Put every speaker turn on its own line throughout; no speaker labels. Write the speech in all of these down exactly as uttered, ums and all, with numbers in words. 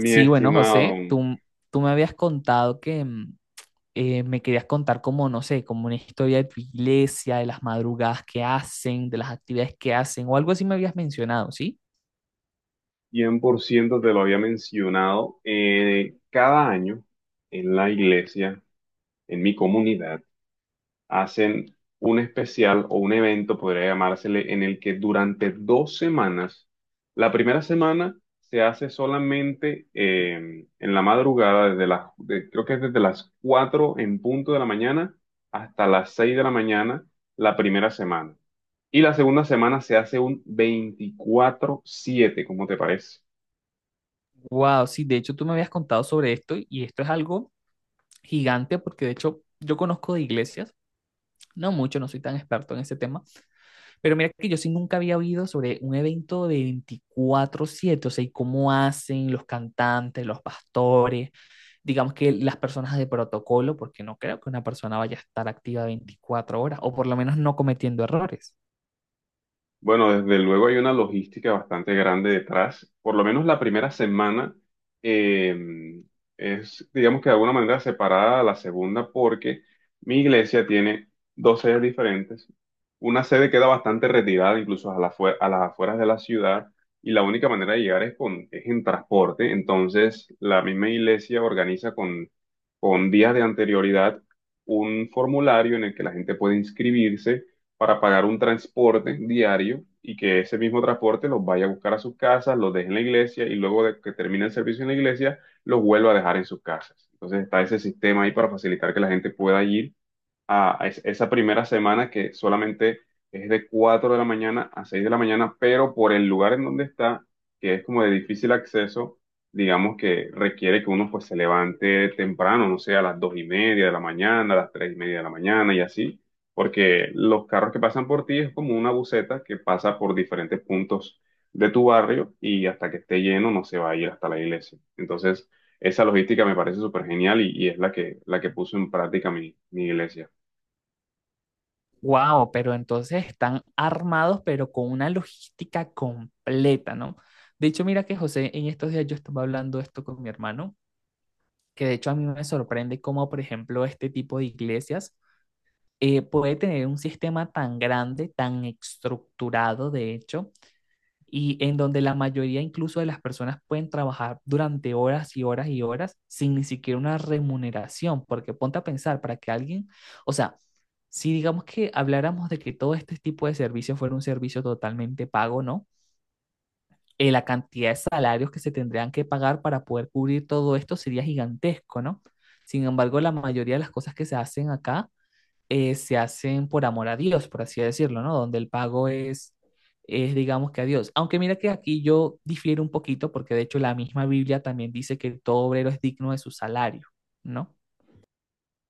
Mi
bueno,
estimado,
José, tú, tú me habías contado que mm, eh, me querías contar como, no sé, como una historia de tu iglesia, de las madrugadas que hacen, de las actividades que hacen, o algo así me habías mencionado, ¿sí?
cien por ciento te lo había mencionado. Eh, cada año en la iglesia, en mi comunidad, hacen un especial o un evento, podría llamársele, en el que durante dos semanas, la primera semana se hace solamente eh, en la madrugada, desde las, de- creo que es desde las cuatro en punto de la mañana hasta las seis de la mañana, la primera semana. Y la segunda semana se hace un veinticuatro siete, ¿cómo te parece?
Wow, sí, de hecho tú me habías contado sobre esto y esto es algo gigante porque de hecho yo conozco de iglesias, no mucho, no soy tan experto en ese tema, pero mira que yo sí nunca había oído sobre un evento de veinticuatro siete, o sea, y cómo hacen los cantantes, los pastores, digamos que las personas de protocolo, porque no creo que una persona vaya a estar activa veinticuatro horas, o por lo menos no cometiendo errores.
Bueno, desde luego hay una logística bastante grande detrás. Por lo menos la primera semana eh, es, digamos que de alguna manera separada a la segunda porque mi iglesia tiene dos sedes diferentes. Una sede queda bastante retirada, incluso a, la fue- a las afueras de la ciudad, y la única manera de llegar es, con, es en transporte. Entonces, la misma iglesia organiza con, con días de anterioridad un formulario en el que la gente puede inscribirse para pagar un transporte diario y que ese mismo transporte los vaya a buscar a sus casas, los deje en la iglesia y luego de que termine el servicio en la iglesia, los vuelva a dejar en sus casas. Entonces está ese sistema ahí para facilitar que la gente pueda ir a a es- esa primera semana que solamente es de cuatro de la mañana a seis de la mañana, pero por el lugar en donde está, que es como de difícil acceso, digamos que requiere que uno pues se levante temprano, no sé, a las dos y media de la mañana, a las tres y media de la mañana y así, porque los carros que pasan por ti es como una buseta que pasa por diferentes puntos de tu barrio y hasta que esté lleno no se va a ir hasta la iglesia. Entonces, esa logística me parece súper genial y, y es la que, la que puso en práctica mi, mi iglesia.
Wow, pero entonces están armados, pero con una logística completa, ¿no? De hecho, mira que José, en estos días yo estaba hablando esto con mi hermano, que de hecho a mí me sorprende cómo, por ejemplo, este tipo de iglesias eh, puede tener un sistema tan grande, tan estructurado, de hecho, y en donde la mayoría incluso de las personas pueden trabajar durante horas y horas y horas sin ni siquiera una remuneración, porque ponte a pensar para que alguien, o sea, si digamos que habláramos de que todo este tipo de servicio fuera un servicio totalmente pago, ¿no? Eh, la cantidad de salarios que se tendrían que pagar para poder cubrir todo esto sería gigantesco, ¿no? Sin embargo, la mayoría de las cosas que se hacen acá eh, se hacen por amor a Dios, por así decirlo, ¿no? Donde el pago es, es, digamos que a Dios. Aunque mira que aquí yo difiero un poquito, porque de hecho la misma Biblia también dice que todo obrero es digno de su salario, ¿no?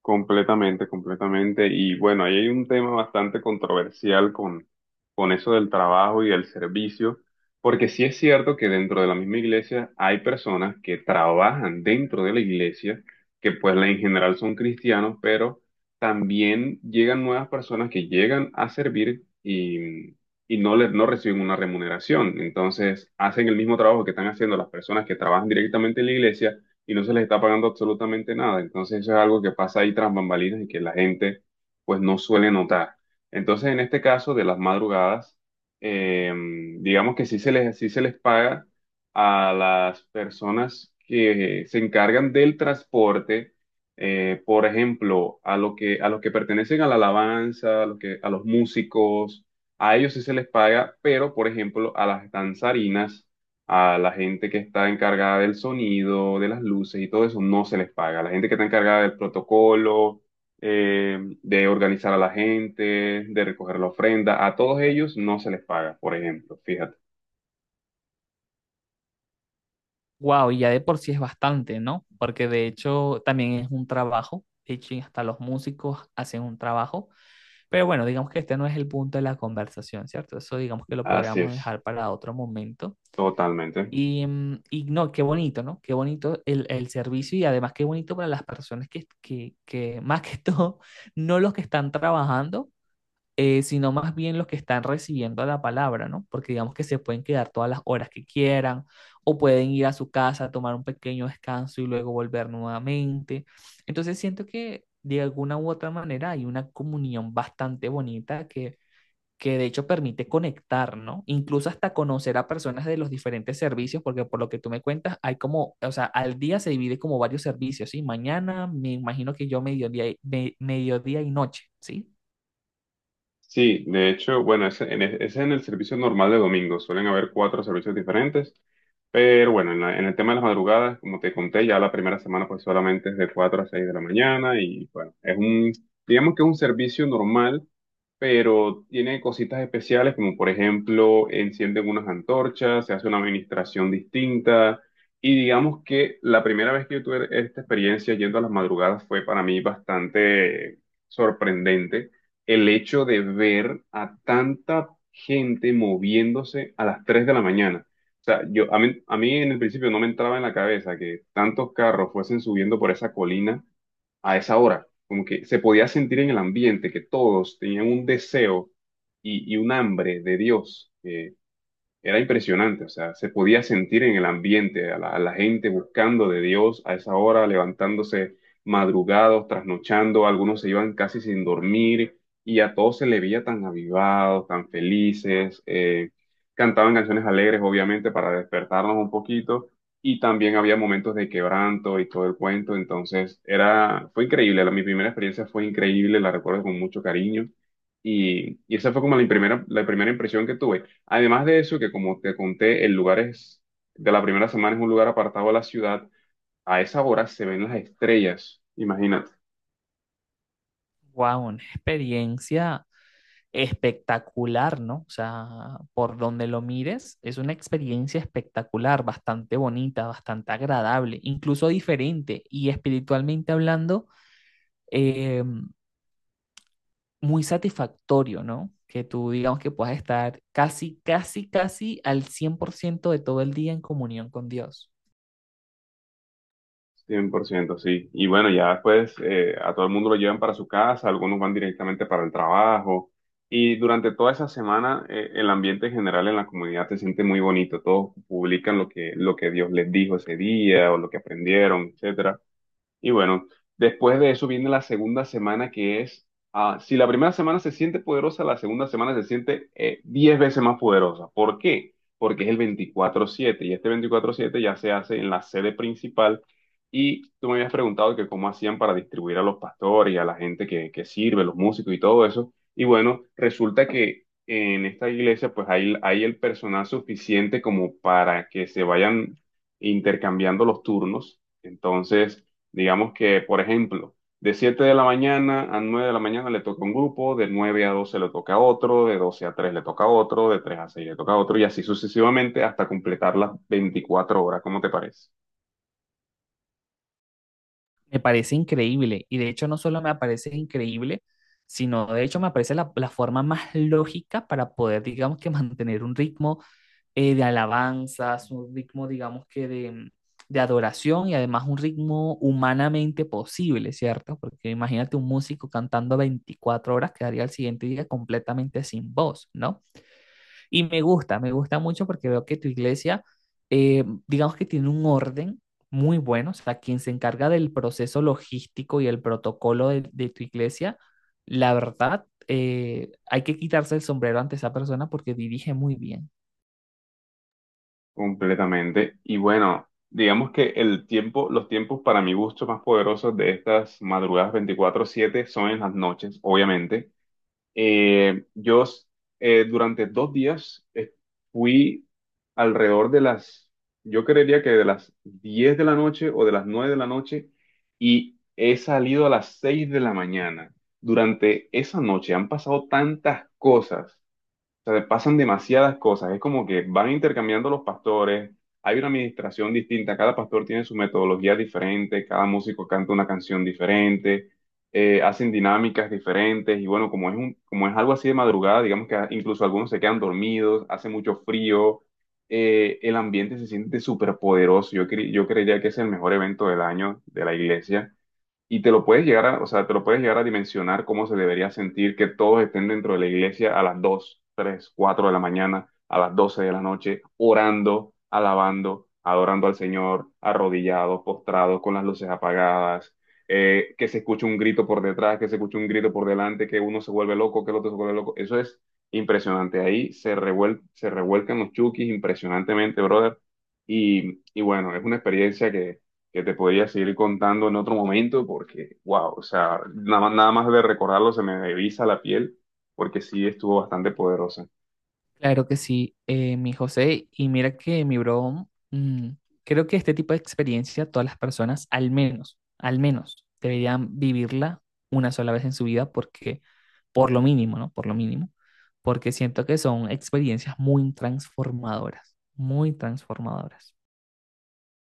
Completamente, completamente. Y bueno, ahí hay un tema bastante controversial con, con eso del trabajo y del servicio, porque sí es cierto que dentro de la misma iglesia hay personas que trabajan dentro de la iglesia, que pues en general son cristianos, pero también llegan nuevas personas que llegan a servir y, y no les, no reciben una remuneración. Entonces, hacen el mismo trabajo que están haciendo las personas que trabajan directamente en la iglesia y no se les está pagando absolutamente nada. Entonces eso es algo que pasa ahí tras bambalinas y que la gente pues no suele notar. Entonces en este caso de las madrugadas, eh, digamos que sí se les, sí se les paga a las personas que se encargan del transporte, eh, por ejemplo, a lo que, a los que pertenecen a la alabanza, a los que, a los músicos, a ellos sí se les paga, pero por ejemplo a las danzarinas a la gente que está encargada del sonido, de las luces y todo eso, no se les paga. La gente que está encargada del protocolo, eh, de organizar a la gente, de recoger la ofrenda, a todos ellos no se les paga, por ejemplo, fíjate.
Wow, y ya de por sí es bastante, ¿no? Porque de hecho también es un trabajo, de hecho hasta los músicos hacen un trabajo, pero bueno, digamos que este no es el punto de la conversación, ¿cierto? Eso digamos que lo
Así
podríamos
es,
dejar para otro momento.
totalmente.
Y, mm, y no, qué bonito, ¿no? Qué bonito el, el servicio y además qué bonito para las personas que, que, que más que todo, no los que están trabajando, eh, sino más bien los que están recibiendo la palabra, ¿no? Porque digamos que se pueden quedar todas las horas que quieran o pueden ir a su casa, tomar un pequeño descanso y luego volver nuevamente. Entonces siento que de alguna u otra manera hay una comunión bastante bonita que que de hecho permite conectar, ¿no? Incluso hasta conocer a personas de los diferentes servicios, porque por lo que tú me cuentas, hay como, o sea, al día se divide como varios servicios, ¿sí? Mañana, me imagino que yo mediodía, y- me- mediodía y noche, ¿sí?
Sí, de hecho, bueno, ese en el, ese en el servicio normal de domingo. Suelen haber cuatro servicios diferentes. Pero bueno, en, la- en el tema de las madrugadas, como te conté, ya la primera semana pues solamente es de cuatro a seis de la mañana y bueno, es un, digamos que es un servicio normal, pero tiene cositas especiales como por ejemplo encienden unas antorchas, se hace una administración distinta y digamos que la primera vez que yo tuve esta experiencia yendo a las madrugadas fue para mí bastante sorprendente el hecho de ver a tanta gente moviéndose a las tres de la mañana. O sea, yo, a mí, a mí en el principio no me entraba en la cabeza que tantos carros fuesen subiendo por esa colina a esa hora. Como que se podía sentir en el ambiente que todos tenían un deseo y, y un hambre de Dios que era impresionante. O sea, se podía sentir en el ambiente a la, a la gente buscando de Dios a esa hora, levantándose madrugados, trasnochando, algunos se iban casi sin dormir y a todos se le veía tan avivados, tan felices, eh, cantaban canciones alegres, obviamente, para despertarnos un poquito y también había momentos de quebranto y todo el cuento. Entonces era, fue increíble. La, mi primera experiencia fue increíble, la recuerdo con mucho cariño. Y, y esa fue como la primera, la primera impresión que tuve. Además de eso, que como te conté, el lugar es, de la primera semana es un lugar apartado de la ciudad. A esa hora se ven las estrellas, imagínate,
Wow, una experiencia espectacular, ¿no? O sea, por donde lo mires, es una experiencia espectacular, bastante bonita, bastante agradable, incluso diferente y espiritualmente hablando. eh, Muy satisfactorio, ¿no? Que tú digamos que puedas estar casi, casi, casi al cien por ciento de todo el día en comunión con Dios.
cien por ciento, sí. Y bueno, ya después eh, a todo el mundo lo llevan para su casa, algunos van directamente para el trabajo. Y durante toda esa semana, eh, el ambiente en general en la comunidad se siente muy bonito. Todos publican lo que, lo que Dios les dijo ese día o lo que aprendieron, etcétera. Y bueno, después de eso viene la segunda semana que es, ah, si la primera semana se siente poderosa, la segunda semana se siente eh, diez veces más poderosa. ¿Por qué? Porque es el veinticuatro siete y este veinticuatro siete ya se hace en la sede principal y tú me habías preguntado que cómo hacían para distribuir a los pastores y a la gente que, que sirve, los músicos y todo eso. Y bueno, resulta que en esta iglesia pues hay, hay el personal suficiente como para que se vayan intercambiando los turnos. Entonces... Digamos que, por ejemplo, de siete de la mañana a nueve de la mañana le toca un grupo, de nueve a doce le toca otro, de doce a tres le toca otro, de tres a seis le toca otro y así sucesivamente hasta completar las veinticuatro horas, ¿cómo te parece?
Me parece increíble y de hecho no solo me parece increíble, sino de hecho me parece la, la forma más lógica para poder, digamos que mantener un ritmo eh, de alabanzas, un ritmo, digamos que de, de adoración y además un ritmo humanamente posible, ¿cierto? Porque imagínate un músico cantando veinticuatro horas, quedaría el siguiente día completamente sin voz, ¿no? Y me gusta, me gusta mucho porque veo que tu iglesia, eh, digamos que tiene un orden muy bueno, o sea, quien se encarga del proceso logístico y el protocolo de, de tu iglesia, la verdad, eh, hay que quitarse el sombrero ante esa persona porque dirige muy bien.
Completamente. Y bueno, digamos que el tiempo, los tiempos para mi gusto más poderosos de estas madrugadas veinticuatro siete son en las noches, obviamente. Eh, yo eh, durante dos días eh, fui alrededor de las, yo creería que de las diez de la noche o de las nueve de la noche y he salido a las seis de la mañana. Durante esa noche han pasado tantas cosas sea, pasan demasiadas cosas. Es como que van intercambiando los pastores, hay una administración distinta, cada pastor tiene su metodología diferente, cada músico canta una canción diferente, eh, hacen dinámicas diferentes y bueno, como es un, como es algo así de madrugada, digamos que a- incluso algunos se quedan dormidos, hace mucho frío, eh, el ambiente se siente súper poderoso. Yo, cre- yo creería que es el mejor evento del año de la iglesia y te lo puedes llegar a, o sea, te lo puedes llegar a dimensionar cómo se debería sentir que todos estén dentro de la iglesia a las dos tres cuatro de la mañana, a las doce de la noche, orando, alabando, adorando al Señor, arrodillados, postrados, con las luces apagadas, eh, que se escuche un grito por detrás, que se escuche un grito por delante, que uno se vuelve loco, que el otro se vuelve loco. Eso es impresionante. Ahí se revuel- se revuelcan los chukis impresionantemente, brother. Y, y bueno, es una experiencia que te podría seguir contando en otro momento porque, wow, o sea, nada, nada más de recordarlo se me eriza la piel porque sí estuvo bastante poderosa.
Claro que sí, eh, mi José. Y mira que mi bro, mm, creo que este tipo de experiencia todas las personas, al menos, al menos, deberían vivirla una sola vez en su vida porque, por lo mínimo, ¿no? Por lo mínimo, porque siento que son experiencias muy transformadoras, muy transformadoras.